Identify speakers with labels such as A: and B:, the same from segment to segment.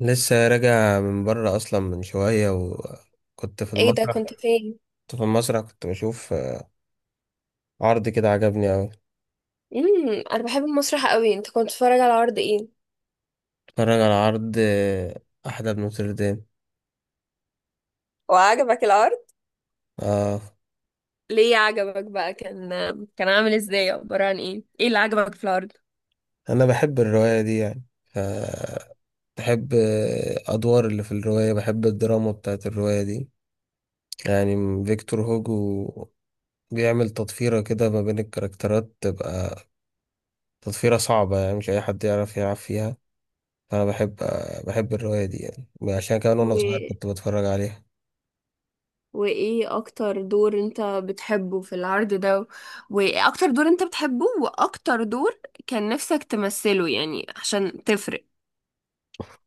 A: لسه راجع من بره اصلا من شويه وكنت في
B: ايه ده؟
A: المسرح.
B: كنت
A: كنت
B: فين؟
A: في المسرح، كنت بشوف عرض كده عجبني اوي.
B: انا بحب المسرح قوي. انت كنت بتتفرج على عرض ايه؟
A: اتفرج على عرض، احلى بن نوتردام.
B: وعجبك العرض؟
A: اه،
B: ليه عجبك بقى؟ كان عامل ازاي؟ عبارة عن ايه؟ ايه اللي عجبك في العرض؟
A: انا بحب الروايه دي يعني بحب، ادوار اللي في الروايه. بحب الدراما بتاعت الروايه دي يعني فيكتور هوجو بيعمل تطفيره كده ما بين الكاركترات. تبقى تطفيره صعبة، يعني مش أي حد يعرف يلعب فيها. فأنا بحب، الرواية دي يعني، عشان كمان
B: و...
A: وأنا صغير كنت بتفرج عليها.
B: وايه اكتر دور انت بتحبه في العرض ده وايه اكتر دور انت بتحبه؟ واكتر دور كان نفسك تمثله يعني عشان تفرق.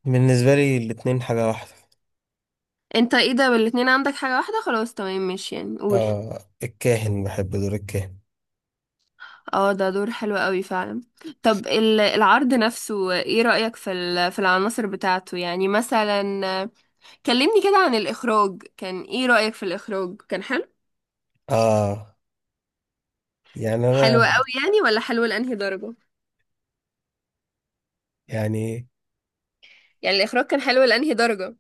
A: بالنسبة لي الاتنين حاجة واحدة.
B: انت ايه ده، الاتنين عندك حاجة واحدة؟ خلاص، تمام، ماشي، يعني قول.
A: آه، الكاهن، بحب دور الكاهن.
B: اه، ده دور حلو قوي فعلا. طب العرض نفسه، ايه رأيك في في العناصر بتاعته؟ يعني مثلا كلمني كده عن الإخراج، كان ايه رأيك في الإخراج؟ كان حلو؟
A: آه، يعني أنا،
B: حلو قوي يعني ولا حلو لأنهي درجة؟
A: يعني
B: يعني الإخراج كان حلو لأنهي درجة؟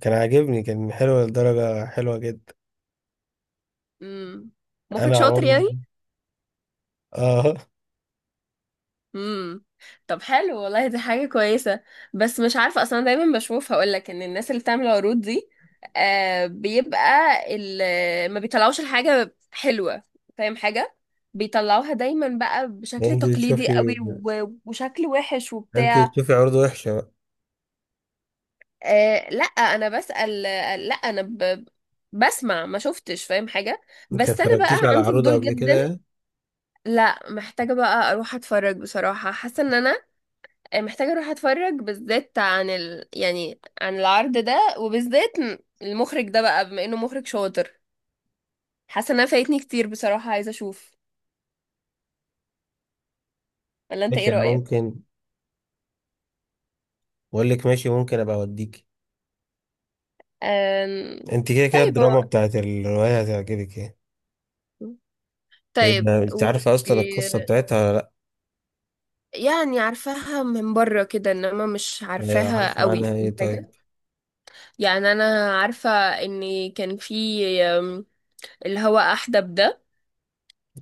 A: كان عاجبني، كان حلو لدرجة حلوة جدا.
B: امم مخرج
A: أنا
B: شاطر
A: عمري.
B: يعني؟
A: آه
B: امم. طب حلو والله، دي حاجة كويسة. بس مش عارفة، اصلا دايما بشوف، هقولك ان الناس اللي بتعمل عروض دي آه بيبقى ما بيطلعوش الحاجة حلوة، فاهم حاجة؟ بيطلعوها دايما بقى بشكل
A: أنت
B: تقليدي قوي
A: تشوفي،
B: وشكل وحش وبتاع.
A: عروض وحشة بقى؟
B: آه، لا انا بسأل، آه، لا انا بسمع، ما شفتش، فاهم حاجة؟
A: أنت
B: بس انا بقى
A: متفرجتيش على
B: عندي
A: عروض
B: فضول
A: قبل كده
B: جدا.
A: يعني؟
B: لا، محتاجة بقى اروح اتفرج بصراحة، حاسة ان انا محتاجة اروح اتفرج، بالذات عن يعني عن العرض ده، وبالذات المخرج ده بقى بما انه مخرج شاطر. حاسة انها فايتني كتير بصراحة، عايزة اشوف. ولا انت ايه
A: ماشي، أنا
B: رأيك؟
A: ممكن بقول لك، ماشي ممكن أبقى أوديكي.
B: أم...
A: أنت كده كده
B: طيب
A: الدراما بتاعت الرواية هتعجبك يعني. إيه،
B: طيب
A: أنت عارفة أصلا القصة بتاعتها ولا؟
B: يعني عارفاها من بره كده، انما مش
A: لأ؟ إيه،
B: عارفاها
A: عارفة
B: قوي،
A: عنها إيه
B: فاهم
A: طيب؟
B: حاجة؟ يعني انا عارفة ان كان في، أم، اللي هو احدب ده،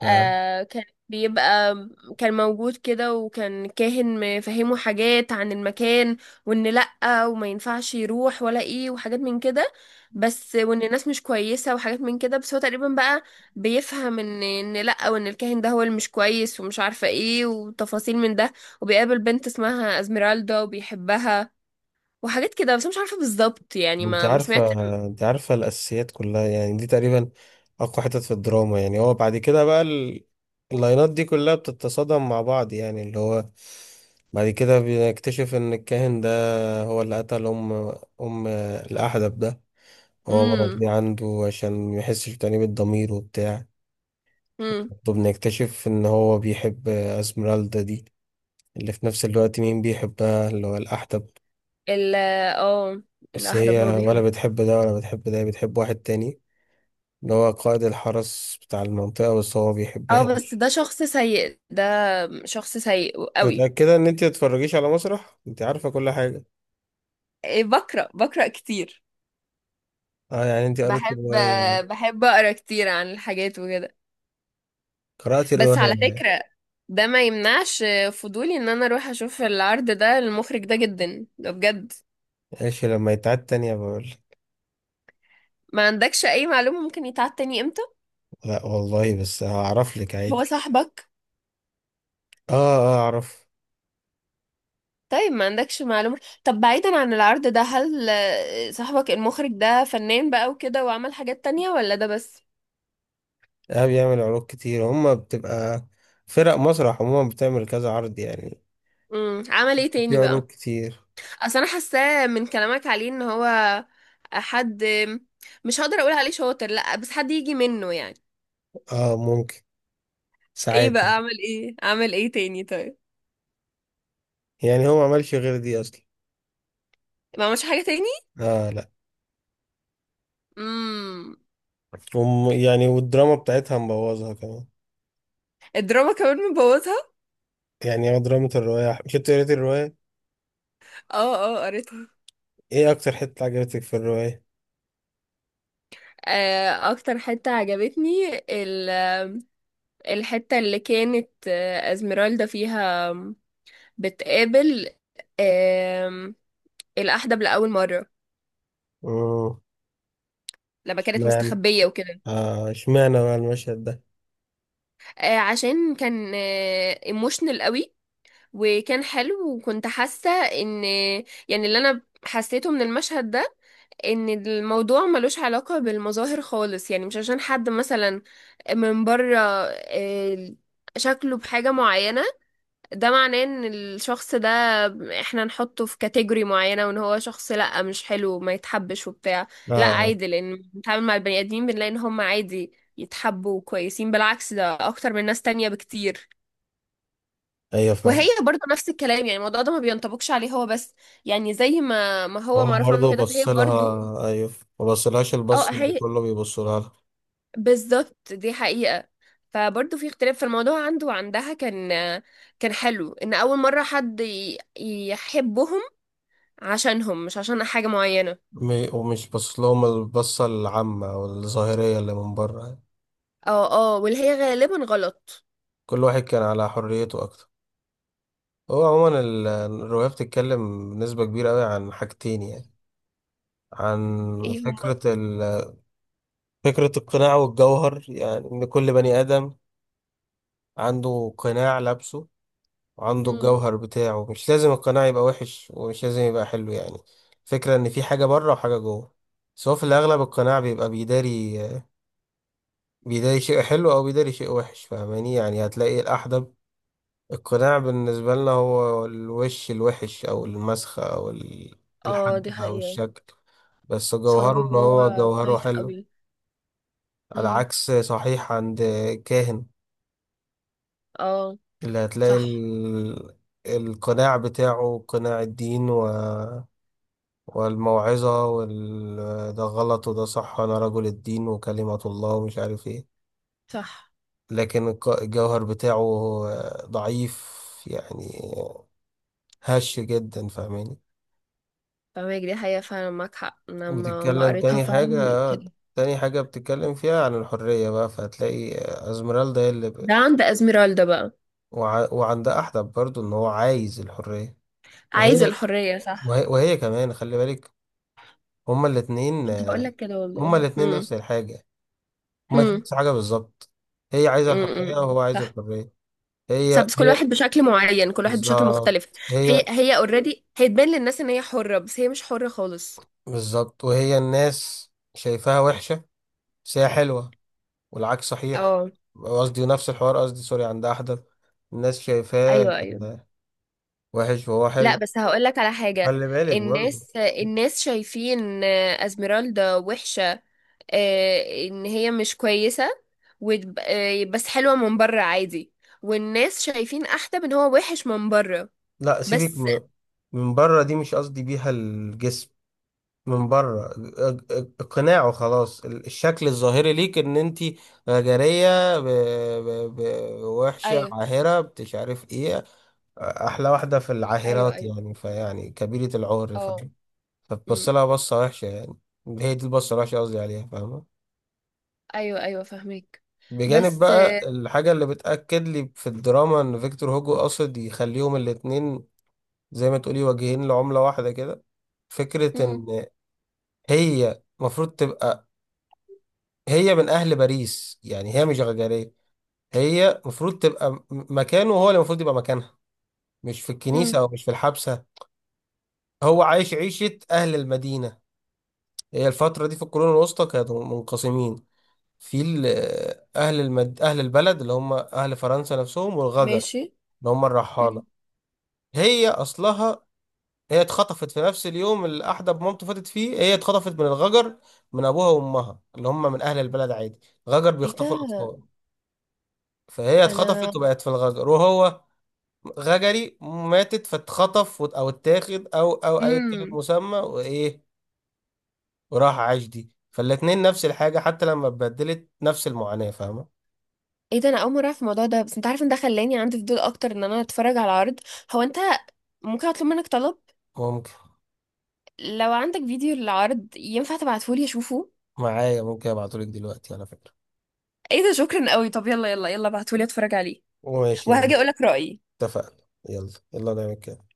A: آه.
B: آه، بيبقى كان موجود كده، وكان كاهن مفهمه حاجات عن المكان، وان لأ وما ينفعش يروح، ولا ايه، وحاجات من كده، بس وان الناس مش كويسة، وحاجات من كده بس. هو تقريبا بقى بيفهم ان لأ، وان الكاهن ده هو اللي مش كويس، ومش عارفة ايه، وتفاصيل من ده. وبيقابل بنت اسمها ازميرالدا وبيحبها، وحاجات كده. بس أنا مش عارفة بالظبط يعني،
A: انت
B: ما ما سمعت.
A: عارفة انت عارفة الأساسيات كلها، يعني دي تقريبا أقوى حتت في الدراما. يعني هو بعد كده بقى اللاينات دي كلها بتتصادم مع بعض، يعني اللي هو بعد كده بنكتشف إن الكاهن ده هو اللي قتل أم، الأحدب ده، هو
B: امم.
A: مربيه عنده عشان ميحسش بتأنيب الضمير وبتاع.
B: امم.
A: وبنكتشف إن هو بيحب أسمرالدا دي، اللي في نفس الوقت مين بيحبها اللي هو الأحدب.
B: ال اه
A: بس
B: الاحدب هو
A: هي ولا
B: بيحبها.
A: بتحب ده ولا بتحب ده، بتحب واحد تاني اللي هو قائد الحرس بتاع المنطقة، بس هو
B: اه،
A: بيحبها
B: بس
A: دي.
B: ده شخص سيء ده، شخص سيء قوي.
A: متأكدة إن أنت متتفرجيش على مسرح؟ أنت عارفة كل حاجة.
B: إيه، بقرا بقرا كتير.
A: أه، يعني أنت قريت
B: بحب،
A: الرواية،
B: بحب اقرا كتير عن الحاجات وكده.
A: قرأت
B: بس على
A: الرواية.
B: فكرة ده ما يمنعش فضولي ان انا اروح اشوف العرض ده، المخرج ده جدا ده بجد.
A: ماشي، لما يتعاد تانية بقول.
B: ما عندكش اي معلومة ممكن يتعاد تاني امتى؟
A: لا والله، بس هعرف لك
B: هو
A: عادي.
B: صاحبك؟
A: أه، أه، أعرف.
B: طيب ما عندكش معلومة؟ طب بعيدا عن العرض ده، هل صاحبك المخرج ده فنان بقى وكده وعمل حاجات تانية ولا ده بس؟
A: أه، بيعمل عروض كتير. هما بتبقى فرق مسرح عموما، بتعمل كذا عرض يعني.
B: عمل ايه
A: في
B: تاني بقى؟
A: عروض كتير.
B: اصل انا حاساه من كلامك عليه ان هو حد، مش هقدر اقول عليه شاطر لا، بس حد يجي منه يعني.
A: أه ممكن،
B: ايه
A: ساعات
B: بقى،
A: يعني.
B: اعمل ايه، اعمل ايه تاني طيب؟
A: يعني هو ما عملش غير دي أصلا.
B: ما عملش حاجه تاني؟
A: أه، لا.
B: امم.
A: يعني، والدراما بتاعتها مبوظها كمان.
B: الدراما كمان مبوظها؟
A: يعني هو دراما الرواية، كنت قريت الرواية.
B: اه، اه قريتها.
A: ايه اكتر حتة عجبتك في الرواية؟
B: آه، اكتر حته عجبتني الحته اللي كانت ازميرالدا فيها بتقابل آم، الأحدب لأول مرة،
A: امم
B: لما كانت
A: اشمعنى،
B: مستخبية وكده.
A: آه، اشمعنى بقى المشهد ده؟
B: آه، عشان كان ايموشنال قوي، وكان حلو، وكنت حاسة ان يعني اللي انا حسيته من المشهد ده، ان الموضوع ملوش علاقة بالمظاهر خالص. يعني مش عشان حد مثلا من بره شكله بحاجة معينة، ده معناه ان الشخص ده احنا نحطه في كاتيجوري معينة، وان هو شخص لا مش حلو، ما يتحبش وبتاع. لا،
A: اه،
B: عادي، لان بنتعامل مع البني ادمين، بنلاقي ان هم عادي يتحبوا كويسين، بالعكس، ده اكتر من ناس تانية بكتير.
A: ايوه، فاهم.
B: وهي برضه نفس الكلام، يعني الموضوع ده ما بينطبقش عليه هو بس، يعني زي ما ما
A: هو
B: هو معروف عنه
A: برضه
B: كده، فهي
A: بص لها
B: برضه.
A: ايوه، ما بصلهاش
B: اه،
A: البص اللي
B: هي
A: كله بيبص لها.
B: بالظبط، دي حقيقة. فبرضه في اختلاف في الموضوع عنده وعندها. كان حلو ان اول مرة حد يحبهم عشانهم، مش عشان حاجة معينة.
A: ومش بص لهم البصة العامة او الظاهرية اللي من بره يعني.
B: اه، اه واللي هي غالبا غلط.
A: كل واحد كان على حريته اكتر. هو عموما الرواية بتتكلم بنسبة كبيرة قوي عن حاجتين يعني، عن
B: ايه هما؟
A: فكرة فكرة القناع والجوهر، يعني إن كل بني آدم عنده قناع لابسه، وعنده
B: مم.
A: الجوهر بتاعه. مش لازم القناع يبقى وحش، ومش لازم يبقى حلو يعني. الفكرة ان في حاجة بره وحاجة جوه. بس هو في الاغلب القناع بيبقى بيداري شيء حلو، او بيداري شيء وحش، فاهماني؟ يعني هتلاقي الاحدب، القناع بالنسبة لنا هو الوش الوحش، او المسخة، او
B: اه، دي
A: الحجم او
B: حقيقة.
A: الشكل. بس
B: بس هو
A: جوهره،
B: من
A: ان هو
B: جوه
A: جوهره
B: خايف
A: حلو،
B: قوي.
A: على
B: مم.
A: عكس صحيح عند كاهن،
B: اه.
A: اللي هتلاقي
B: صح.
A: القناع بتاعه قناع الدين، والموعظة ده غلط وده صح، أنا رجل الدين وكلمة الله ومش عارف إيه.
B: صح،
A: لكن الجوهر بتاعه ضعيف، يعني هش جدا، فاهماني؟
B: فاهمك، دي حقيقة فعلا، معاك حق، انا ما ما
A: وبتتكلم
B: قريتها
A: تاني
B: فعلا،
A: حاجة،
B: لقيت
A: آه،
B: كده.
A: تاني حاجة بتتكلم فيها عن الحرية بقى. فهتلاقي أزمرالدا هي اللي
B: ده عند ازميرالدا بقى.
A: وعند أحدب برضو، إن هو عايز الحرية.
B: عايز
A: وهي،
B: الحرية، صح.
A: وهي كمان، خلي بالك. هما الاتنين
B: كنت هقول
A: آه،
B: لك كده
A: هما
B: والله.
A: الاتنين
B: امم.
A: نفس الحاجة، هما الاتنين
B: امم.
A: نفس الحاجة بالظبط. هي عايزة الحرية
B: امم.
A: وهو عايز
B: صح.
A: الحرية. هي
B: صح، بس كل
A: هي
B: واحد بشكل معين، كل واحد بشكل
A: بالظبط.
B: مختلف. هي
A: هي
B: هي اوريدي، هي تبان للناس ان هي حرة بس هي مش حرة خالص.
A: بالظبط، وهي الناس شايفاها وحشة، بس هي حلوة، والعكس صحيح.
B: اه،
A: قصدي نفس الحوار، قصدي سوري، عند أحدث الناس شايفاه
B: ايوه، ايوه.
A: وحش وهو حلو.
B: لا، بس هقول لك على حاجة.
A: خلي بالك برضه.
B: الناس، الناس شايفين ازميرالدا وحشة، ان هي مش كويسة، آه، بس حلوة من بره عادي. والناس شايفين احدب ان هو وحش من بره،
A: لا، سيبك.
B: بس.
A: من بره دي مش قصدي بيها الجسم. من بره اقناعه خلاص، الشكل الظاهري ليك ان انت غجريه، ب... ب... وحشه
B: ايوه،
A: عاهره مش عارف ايه، احلى واحده في
B: ايوه،
A: العاهرات،
B: ايوه،
A: يعني فيعني كبيره العور،
B: اه.
A: فاهم؟ فتبص
B: امم
A: لها بصه وحشه يعني. هي دي البصه الوحشه قصدي عليها، فاهمه؟
B: ايوه، ايوه، فاهمك.
A: بجانب
B: بس
A: بقى الحاجه اللي بتاكد لي في الدراما، ان فيكتور هوجو قصد يخليهم الاتنين زي ما تقولي وجهين لعمله واحده كده. فكره
B: امم.
A: ان هي المفروض تبقى، هي من اهل باريس يعني، هي مش غجريه. هي المفروض تبقى مكانه، هو اللي المفروض يبقى مكانها، مش في الكنيسه
B: امم.
A: او مش في الحبسه. هو عايش عيشه اهل المدينه. هي الفتره دي في القرون الوسطى كانوا منقسمين، في اهل اهل البلد اللي هم اهل فرنسا نفسهم، والغجر
B: ماشي.
A: اللي هم الرحاله.
B: امم.
A: هي اصلها، هي اتخطفت في نفس اليوم اللي احدب مامته فاتت فيه. هي اتخطفت من الغجر، من ابوها وامها اللي هم من اهل البلد عادي. غجر
B: ايه
A: بيخطفوا
B: ده
A: الاطفال. فهي
B: انا
A: اتخطفت وبقت في الغجر، وهو غجري ماتت، فاتخطف او اتاخد، او اي كلمة
B: امم
A: مسمى وايه، وراح عاش دي. فالاتنين نفس الحاجة، حتى لما اتبدلت نفس المعاناة، فاهمة؟
B: ايه ده انا اول مرة اعرف الموضوع ده، بس انت عارف ان ده خلاني عندي فضول اكتر ان انا اتفرج على عرض. هو انت ممكن اطلب منك طلب؟
A: ممكن،
B: لو عندك فيديو للعرض ينفع تبعتهولي اشوفه؟
A: معايا، ممكن ابعتهولك دلوقتي على فكرة.
B: ايه ده، شكرا قوي. طب يلا يلا يلا ابعتولي اتفرج عليه.
A: ماشي بقى.
B: وهاجي اقولك رأيي.
A: اتفقنا. يلا يلا نعمل كده.